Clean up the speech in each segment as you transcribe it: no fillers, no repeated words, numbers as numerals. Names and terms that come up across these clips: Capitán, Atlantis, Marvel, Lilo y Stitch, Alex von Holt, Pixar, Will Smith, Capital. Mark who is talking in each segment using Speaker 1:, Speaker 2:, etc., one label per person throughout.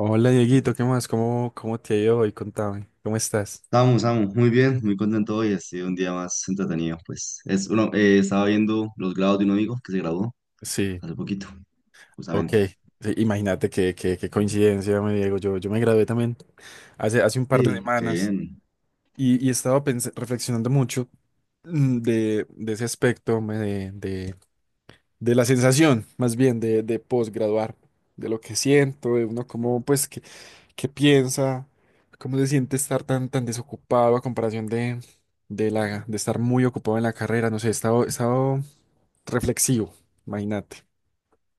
Speaker 1: Hola Dieguito, ¿qué más? ¿Cómo te ha ido hoy? Contame, ¿cómo estás?
Speaker 2: Vamos, vamos, muy bien, muy contento hoy, ha sido un día más entretenido, pues. Es uno, estaba viendo los grados de un amigo que se graduó
Speaker 1: Sí,
Speaker 2: hace poquito,
Speaker 1: ok.
Speaker 2: justamente.
Speaker 1: Sí, imagínate qué coincidencia, me Diego. Yo me gradué también hace un par de
Speaker 2: Sí, qué
Speaker 1: semanas
Speaker 2: bien.
Speaker 1: y, reflexionando mucho de ese aspecto, de la sensación, más bien, de posgraduar, de lo que siento, de uno cómo, pues, qué, qué piensa, cómo se siente estar tan desocupado a comparación de estar muy ocupado en la carrera. No sé, he estado reflexivo, imagínate.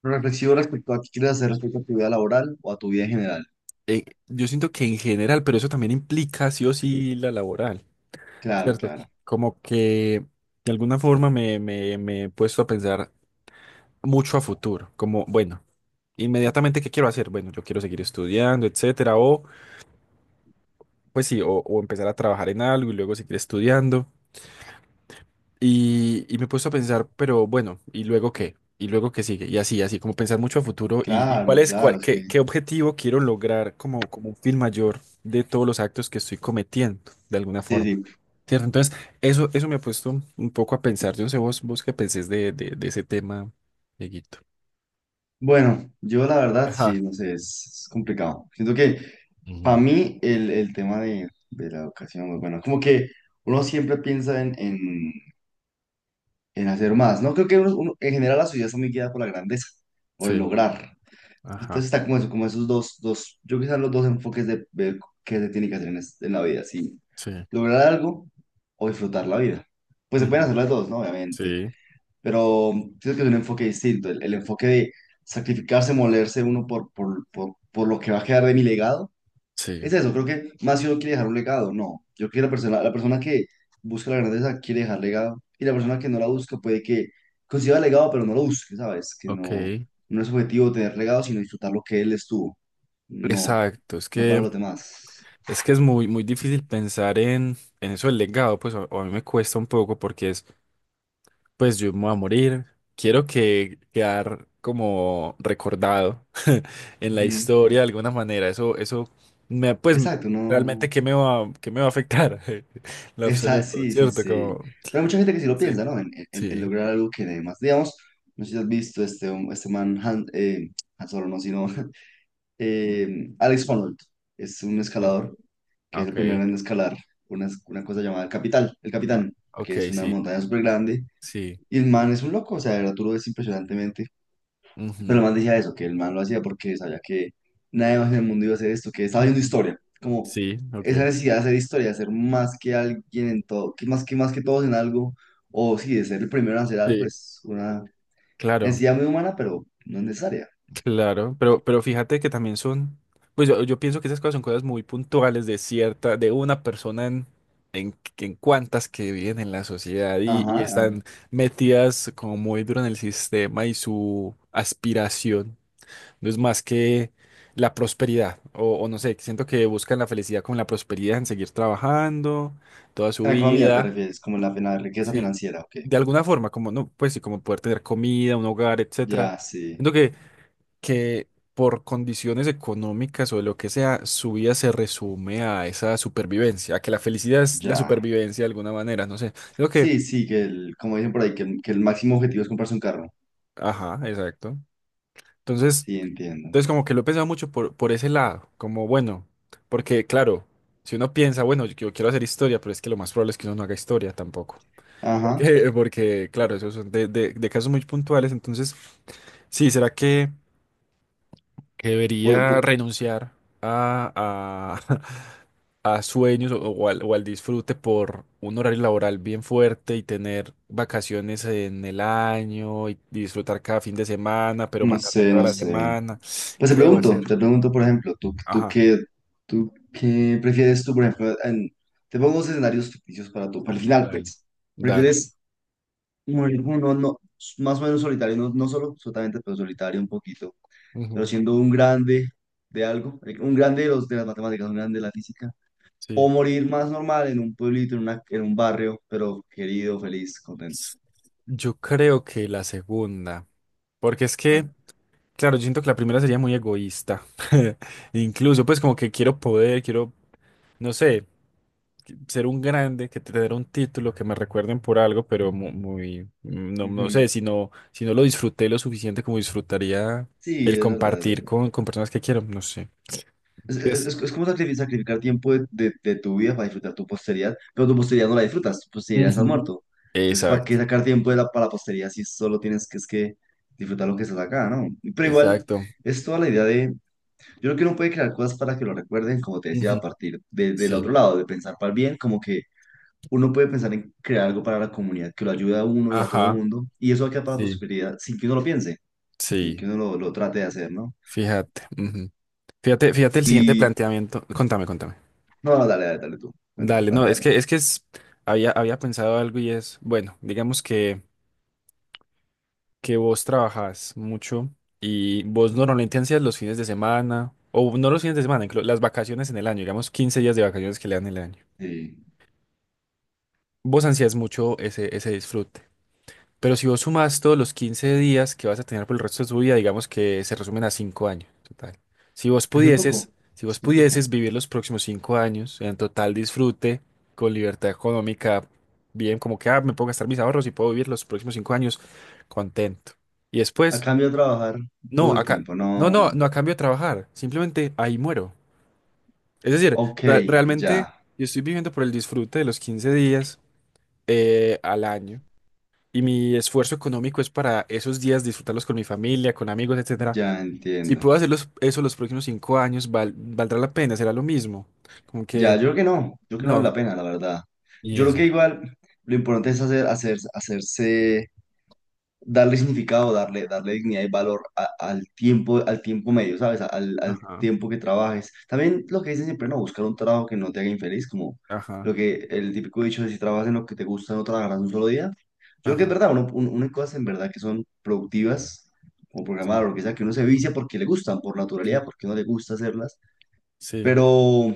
Speaker 2: Pero reflexivo respecto a qué quieres hacer respecto a tu vida laboral o a tu vida en general.
Speaker 1: Yo siento que en general, pero eso también implica sí o sí la laboral,
Speaker 2: Claro,
Speaker 1: ¿cierto?
Speaker 2: claro,
Speaker 1: Como que de alguna forma me he puesto a pensar mucho a futuro, como, bueno, inmediatamente, ¿qué quiero hacer? Bueno, yo quiero seguir estudiando, etcétera, o pues sí, o empezar a trabajar en algo y luego seguir estudiando. Y me he puesto a pensar, pero bueno, ¿y luego qué? ¿Y luego qué sigue? Y como pensar mucho a futuro y
Speaker 2: claro, claro, es que...
Speaker 1: qué, qué objetivo quiero lograr como, como un fin mayor de todos los actos que estoy cometiendo, de alguna
Speaker 2: Sí,
Speaker 1: forma.
Speaker 2: sí.
Speaker 1: ¿Cierto? Entonces, eso me ha puesto un poco a pensar. Yo no sé vos, vos qué pensés de ese tema, Dieguito.
Speaker 2: Bueno, yo la verdad,
Speaker 1: Ajá.
Speaker 2: sí, no sé, es complicado. Siento que para
Speaker 1: Ujú.
Speaker 2: mí el tema de la educación, pues, bueno, como que uno siempre piensa en, en hacer más, ¿no? Creo que en general la sociedad está muy guiada por la grandeza, por el
Speaker 1: Sí,
Speaker 2: lograr.
Speaker 1: ajá,
Speaker 2: Entonces está como, eso, como esos yo quizás los dos enfoques de qué se tiene que hacer en, en la vida, si
Speaker 1: sí.
Speaker 2: lograr algo o disfrutar la vida. Pues se pueden
Speaker 1: Ujú.
Speaker 2: hacer las dos, ¿no? Obviamente,
Speaker 1: Sí,
Speaker 2: pero creo que es un enfoque distinto, el enfoque de sacrificarse, molerse uno por lo que va a quedar de mi legado
Speaker 1: sí,
Speaker 2: es eso, creo que más si uno quiere dejar un legado, no. Yo creo que la persona que busca la grandeza quiere dejar legado y la persona que no la busca puede que consiga legado, pero no lo busque, ¿sabes? Que no,
Speaker 1: ok.
Speaker 2: no es objetivo tener legado, sino disfrutar lo que él estuvo. No,
Speaker 1: Exacto, es
Speaker 2: no para
Speaker 1: que...
Speaker 2: los demás.
Speaker 1: Es que es muy difícil pensar en eso del legado, pues a mí me cuesta un poco porque es, pues yo me voy a morir, quiero que quedar como recordado en la
Speaker 2: Ujú.
Speaker 1: historia de alguna manera, eso me, pues
Speaker 2: Exacto,
Speaker 1: realmente
Speaker 2: no.
Speaker 1: qué me va a afectar, en lo
Speaker 2: Esa,
Speaker 1: absoluto,
Speaker 2: sí, sí,
Speaker 1: ¿cierto?
Speaker 2: sí.
Speaker 1: Como,
Speaker 2: Pero hay mucha gente que sí lo
Speaker 1: sí,
Speaker 2: piensa, ¿no? En, en
Speaker 1: sí,
Speaker 2: lograr algo que demás. Digamos, no sé si has visto este, este man, Han, Han Solo, no, sino Alex von Holt es un
Speaker 1: sí,
Speaker 2: escalador que es el
Speaker 1: ok,
Speaker 2: primero en escalar una cosa llamada el Capital, el Capitán, que es
Speaker 1: ok,
Speaker 2: una
Speaker 1: sí,
Speaker 2: montaña súper grande.
Speaker 1: sí,
Speaker 2: Y el man es un loco, o sea, de verdad tú lo ves impresionantemente. Pero el
Speaker 1: ujú,
Speaker 2: man decía eso, que el man lo hacía porque sabía que nadie más en el mundo iba a hacer esto, que estaba viendo
Speaker 1: ujú,
Speaker 2: historia. Como
Speaker 1: sí, ok,
Speaker 2: esa necesidad de hacer historia, de ser más que alguien en todo, que más que, más que todos en algo, o sí, de ser el primero en hacer algo,
Speaker 1: sí,
Speaker 2: es una
Speaker 1: claro.
Speaker 2: necesidad muy humana, pero no es necesaria.
Speaker 1: Claro, pero fíjate que también son, pues yo pienso que esas cosas son cosas muy puntuales de cierta, de una persona en cuantas que viven en la sociedad y
Speaker 2: Ajá,
Speaker 1: están metidas como muy duro en el sistema y su aspiración no es más que la prosperidad, o no sé, siento que buscan la felicidad con la prosperidad en seguir trabajando toda su
Speaker 2: en la economía te
Speaker 1: vida,
Speaker 2: refieres, como en la, riqueza
Speaker 1: sí,
Speaker 2: financiera, ok.
Speaker 1: de alguna forma, como no, pues sí, como poder tener comida, un hogar, etcétera
Speaker 2: Ya, sí,
Speaker 1: que por condiciones económicas o de lo que sea, su vida se resume a esa supervivencia, a que la felicidad es la
Speaker 2: ya.
Speaker 1: supervivencia de alguna manera, no sé. Creo que,
Speaker 2: Sí, sí, que el, como dicen por ahí, que el máximo objetivo es comprarse un carro.
Speaker 1: ajá, exacto. Entonces,
Speaker 2: Sí, entiendo.
Speaker 1: entonces como que lo he pensado mucho por ese lado, como bueno, porque claro, si uno piensa, bueno, yo quiero hacer historia, pero es que lo más probable es que uno no haga historia tampoco.
Speaker 2: Ajá.
Speaker 1: Porque, porque claro, esos son de casos muy puntuales, entonces, sí, ¿será que
Speaker 2: Por-
Speaker 1: debería
Speaker 2: por-
Speaker 1: renunciar a, a sueños o al disfrute por un horario laboral bien fuerte y tener vacaciones en el año y disfrutar cada fin de semana, pero
Speaker 2: no
Speaker 1: matarme
Speaker 2: sé,
Speaker 1: toda
Speaker 2: no
Speaker 1: la
Speaker 2: sé.
Speaker 1: semana.
Speaker 2: Pues
Speaker 1: ¿Qué debo hacer?
Speaker 2: te pregunto, por ejemplo, ¿tú, tú
Speaker 1: Ajá,
Speaker 2: qué, tú qué prefieres tú, por ejemplo, en- te pongo dos escenarios ficticios para tú, para el final,
Speaker 1: dale,
Speaker 2: pues.
Speaker 1: dale.
Speaker 2: ¿Prefieres morir como uno, no, más o menos solitario, no, no solo, solamente, pero solitario un poquito? Pero
Speaker 1: Ujú,
Speaker 2: siendo un grande de algo, un grande de, los, de las matemáticas, un grande de la física,
Speaker 1: sí.
Speaker 2: o morir más normal en un pueblito, en, en un barrio, pero querido, feliz, contento.
Speaker 1: Yo creo que la segunda, porque es que,
Speaker 2: La-
Speaker 1: claro, yo siento que la primera sería muy egoísta. Incluso, pues como que quiero poder, quiero, no sé. Ser un grande, que tener un título, que me recuerden por algo, pero muy, no, no sé,
Speaker 2: Ujú.
Speaker 1: si no, si no lo disfruté lo suficiente como disfrutaría
Speaker 2: Sí,
Speaker 1: el
Speaker 2: es verdad, es
Speaker 1: compartir
Speaker 2: verdad.
Speaker 1: con personas que quiero, no sé.
Speaker 2: Es,
Speaker 1: Es que es-
Speaker 2: es como sacrificar tiempo de, de tu vida para disfrutar tu posteridad, pero tu posteridad no la disfrutas, tu posteridad está
Speaker 1: Ujú.
Speaker 2: muerto. Entonces, ¿para qué
Speaker 1: Exacto,
Speaker 2: sacar tiempo de la, para la posteridad si solo tienes que, es que disfrutar lo que estás acá, ¿no? Pero igual,
Speaker 1: exacto.
Speaker 2: es toda la idea de yo creo que uno puede crear cosas para que lo recuerden, como te decía, a
Speaker 1: Ujú.
Speaker 2: partir del
Speaker 1: Sí,
Speaker 2: otro lado, de pensar para el bien, como que uno puede pensar en crear algo para la comunidad que lo ayude a uno y a todo
Speaker 1: ajá,
Speaker 2: mundo, y eso va a quedar para la
Speaker 1: sí,
Speaker 2: posibilidad sin que uno lo piense, sin que
Speaker 1: sí,
Speaker 2: uno lo trate de hacer, ¿no?
Speaker 1: fíjate. Ujú. Fíjate el siguiente
Speaker 2: Y,
Speaker 1: planteamiento. Contame, contame.
Speaker 2: no, no, dale, dale, dale tú, cuenta,
Speaker 1: Dale, no, es
Speaker 2: plantéame.
Speaker 1: que, es que es, había pensado algo y es, bueno, digamos que vos trabajás mucho y vos normalmente ansías los fines de semana, o no los fines de semana, las vacaciones en el año, digamos 15 días de vacaciones que le dan el año.
Speaker 2: Sí,
Speaker 1: Vos ansías mucho ese disfrute. Pero si vos sumás todos los 15 días que vas a tener por el resto de tu vida, digamos que se resumen a 5 años total. Si vos
Speaker 2: es muy poco,
Speaker 1: pudieses, si vos
Speaker 2: es muy poco.
Speaker 1: pudieses vivir los próximos 5 años en total disfrute, con libertad económica, bien, como que ah, me puedo gastar mis ahorros y puedo vivir los próximos 5 años contento. Y
Speaker 2: A
Speaker 1: después
Speaker 2: cambio de trabajar todo
Speaker 1: No,
Speaker 2: el
Speaker 1: acá,
Speaker 2: tiempo, no.
Speaker 1: no a cambio de trabajar, simplemente ahí muero. Es decir,
Speaker 2: Ok, ya,
Speaker 1: realmente yo estoy viviendo por el disfrute de los 15 días al año y mi esfuerzo económico es para esos días disfrutarlos con mi familia, con amigos, etcétera.
Speaker 2: ya
Speaker 1: Si
Speaker 2: entiendo.
Speaker 1: puedo hacer los- eso los próximos cinco años, valdrá la pena, será lo mismo. Como
Speaker 2: Ya,
Speaker 1: que,
Speaker 2: yo creo que no, yo creo que no vale la
Speaker 1: no.
Speaker 2: pena, la verdad.
Speaker 1: Y
Speaker 2: Yo creo
Speaker 1: eso.
Speaker 2: que igual lo importante es hacer, hacerse darle significado, darle, darle dignidad y valor al tiempo medio, ¿sabes? Al, al
Speaker 1: Ajá,
Speaker 2: tiempo que trabajes. También lo que dicen siempre, no, buscar un trabajo que no te haga infeliz, como
Speaker 1: ajá,
Speaker 2: lo que el típico dicho de si trabajas en lo que te gusta, no trabajarás un solo día. Yo creo que es
Speaker 1: ajá,
Speaker 2: verdad, uno hay cosas en verdad que son productivas, como programar
Speaker 1: Sí.
Speaker 2: o lo que sea, que uno se vicia porque le gustan, por
Speaker 1: sí,
Speaker 2: naturalidad, porque no le gusta hacerlas,
Speaker 1: sí,
Speaker 2: pero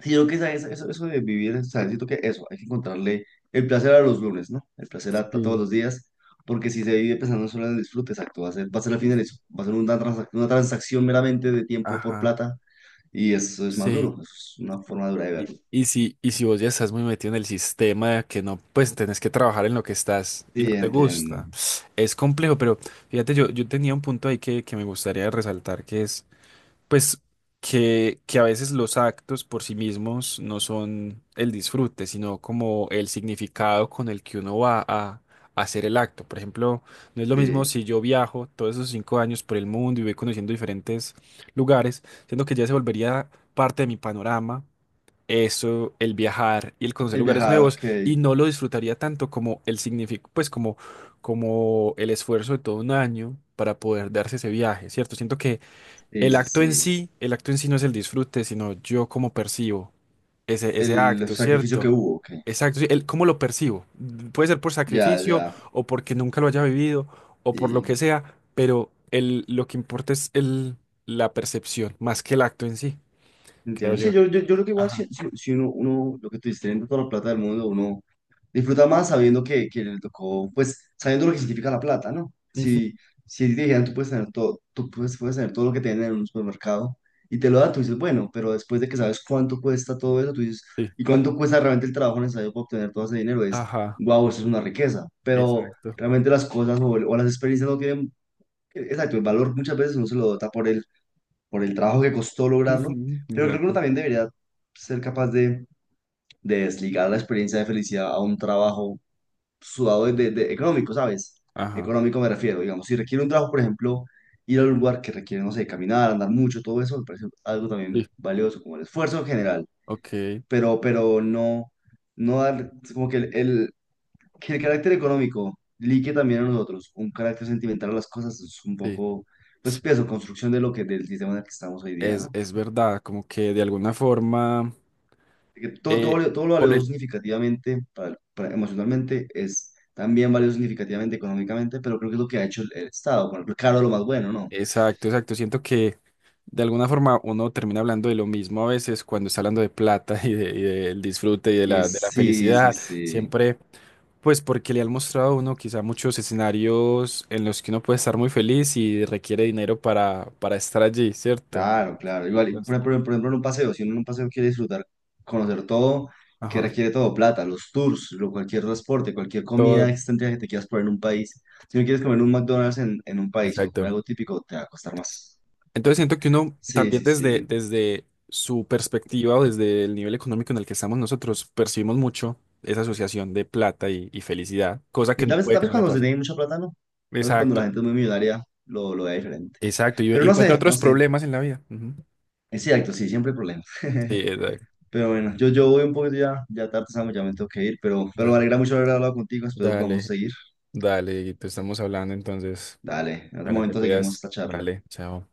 Speaker 2: sí, yo creo que eso, eso de vivir, o sea, siento que eso, hay que encontrarle el placer a los lunes, ¿no? El placer a todos
Speaker 1: sí,
Speaker 2: los días, porque si se vive pensando solo en el disfrute, exacto, va a ser al final
Speaker 1: Ujú.
Speaker 2: eso, va a ser una, una transacción meramente de tiempo por
Speaker 1: Ajá,
Speaker 2: plata, y eso es más duro,
Speaker 1: sí.
Speaker 2: eso es una forma dura de verlo.
Speaker 1: Y si vos ya estás muy metido en el sistema de que no, pues tenés que trabajar en lo que estás y no
Speaker 2: Sí,
Speaker 1: te
Speaker 2: entiendo.
Speaker 1: gusta. Es complejo, pero fíjate, yo tenía un punto ahí que me gustaría resaltar, que es, pues, que a veces los actos por sí mismos no son el disfrute, sino como el significado con el que uno va a hacer el acto. Por ejemplo, no es lo mismo
Speaker 2: Sí,
Speaker 1: si yo viajo todos esos cinco años por el mundo y voy conociendo diferentes lugares, siendo que ya se volvería parte de mi panorama eso, el viajar y el conocer
Speaker 2: el
Speaker 1: lugares
Speaker 2: viajar,
Speaker 1: nuevos,
Speaker 2: ok.
Speaker 1: y no lo disfrutaría tanto como el significado, pues como, como el esfuerzo de todo un año para poder darse ese viaje, ¿cierto? Siento que
Speaker 2: Sí,
Speaker 1: el
Speaker 2: sí,
Speaker 1: acto en
Speaker 2: sí.
Speaker 1: sí, el acto en sí no es el disfrute, sino yo cómo percibo ese
Speaker 2: El
Speaker 1: acto,
Speaker 2: sacrificio que
Speaker 1: ¿cierto?
Speaker 2: hubo, ok.
Speaker 1: Exacto, sí, el cómo lo percibo. Puede ser por
Speaker 2: Ya,
Speaker 1: sacrificio
Speaker 2: ya.
Speaker 1: o porque nunca lo haya vivido o por lo
Speaker 2: Sí.
Speaker 1: que sea, pero el, lo que importa es el, la percepción más que el acto en sí, creo
Speaker 2: Entiendo. Sí,
Speaker 1: yo.
Speaker 2: yo creo que igual si,
Speaker 1: Ajá.
Speaker 2: si uno, uno, lo que tú dices, teniendo toda la plata del mundo, uno disfruta más sabiendo que le tocó, pues sabiendo lo que significa la plata, ¿no?
Speaker 1: Ujú,
Speaker 2: Si, si te dijeran, tú puedes tener todo, tú puedes, puedes tener todo lo que te venden en un supermercado y te lo dan, tú dices, bueno, pero después de que sabes cuánto cuesta todo eso, tú dices,
Speaker 1: sí.
Speaker 2: y cuánto cuesta realmente el trabajo necesario para obtener todo ese dinero, es,
Speaker 1: Ajá,
Speaker 2: wow, eso es una riqueza. Pero
Speaker 1: exacto.
Speaker 2: realmente las cosas o las experiencias no tienen, exacto, el valor muchas veces uno se lo da por el trabajo que costó lograrlo,
Speaker 1: Ujú,
Speaker 2: pero creo que uno
Speaker 1: Exacto.
Speaker 2: también debería ser capaz de desligar la experiencia de felicidad a un trabajo sudado de, económico, ¿sabes?
Speaker 1: Ajá.
Speaker 2: Económico me refiero, digamos, si requiere un trabajo, por ejemplo, ir a un lugar que requiere, no sé, caminar, andar mucho, todo eso me parece algo también
Speaker 1: Sí,
Speaker 2: valioso, como el esfuerzo en general,
Speaker 1: ok,
Speaker 2: pero no, no dar, es como que el, que el carácter económico ligue también a nosotros, un carácter sentimental a las cosas es un
Speaker 1: sí.
Speaker 2: poco, pues, pienso, construcción de lo que, del sistema en el que estamos hoy día, ¿no?
Speaker 1: Es verdad, como que de alguna forma,
Speaker 2: Que todo, todo,
Speaker 1: eh,
Speaker 2: todo lo
Speaker 1: por
Speaker 2: valioso
Speaker 1: el...
Speaker 2: significativamente, emocionalmente, es también valioso significativamente económicamente, pero creo que es lo que ha hecho el Estado, ponerlo caro lo más bueno, ¿no?
Speaker 1: Exacto, exacto. Siento que de alguna forma uno termina hablando de lo mismo a veces cuando está hablando de plata y, y del disfrute y
Speaker 2: Y
Speaker 1: de
Speaker 2: es,
Speaker 1: la
Speaker 2: sí, sí,
Speaker 1: felicidad.
Speaker 2: sí,
Speaker 1: Siempre, pues porque le han mostrado a uno quizá muchos escenarios en los que uno puede estar muy feliz y requiere dinero para estar allí, ¿cierto?
Speaker 2: claro, claro. Igual, y
Speaker 1: Entonces,
Speaker 2: por ejemplo, en un paseo, si uno en un paseo quiere disfrutar, conocer todo, que
Speaker 1: Ajá.
Speaker 2: requiere todo, plata, los tours, lo, cualquier transporte, cualquier comida
Speaker 1: Todo.
Speaker 2: extendida que te quieras poner en un país. Si no quieres comer un McDonald's en un país, sino comer
Speaker 1: Exacto.
Speaker 2: algo típico, te va a costar más.
Speaker 1: Entonces siento que uno
Speaker 2: Sí,
Speaker 1: también
Speaker 2: sí, sí.
Speaker 1: desde su perspectiva o desde el nivel económico en el que estamos nosotros percibimos mucho esa asociación de plata y felicidad, cosa que
Speaker 2: Y
Speaker 1: puede
Speaker 2: tal
Speaker 1: que
Speaker 2: vez
Speaker 1: no le
Speaker 2: cuando se
Speaker 1: pase.
Speaker 2: tiene mucha plata, no. Tal vez cuando la
Speaker 1: Exacto,
Speaker 2: gente es muy millonaria, lo vea diferente.
Speaker 1: exacto. Y
Speaker 2: Pero no
Speaker 1: encuentra
Speaker 2: sé, no
Speaker 1: otros
Speaker 2: sé.
Speaker 1: problemas en la vida. Ujú.
Speaker 2: Es cierto, sí, siempre hay problemas.
Speaker 1: Sí, exacto.
Speaker 2: Pero bueno, yo voy un poquito ya, ya tarde, Samu, ya me tengo que ir, pero me
Speaker 1: Dale,
Speaker 2: alegra mucho haber hablado contigo, espero podamos
Speaker 1: dale,
Speaker 2: seguir.
Speaker 1: dale. Te estamos hablando entonces.
Speaker 2: Dale, en otro
Speaker 1: Vale, te
Speaker 2: momento seguimos
Speaker 1: cuidas.
Speaker 2: esta charla.
Speaker 1: Dale, chao.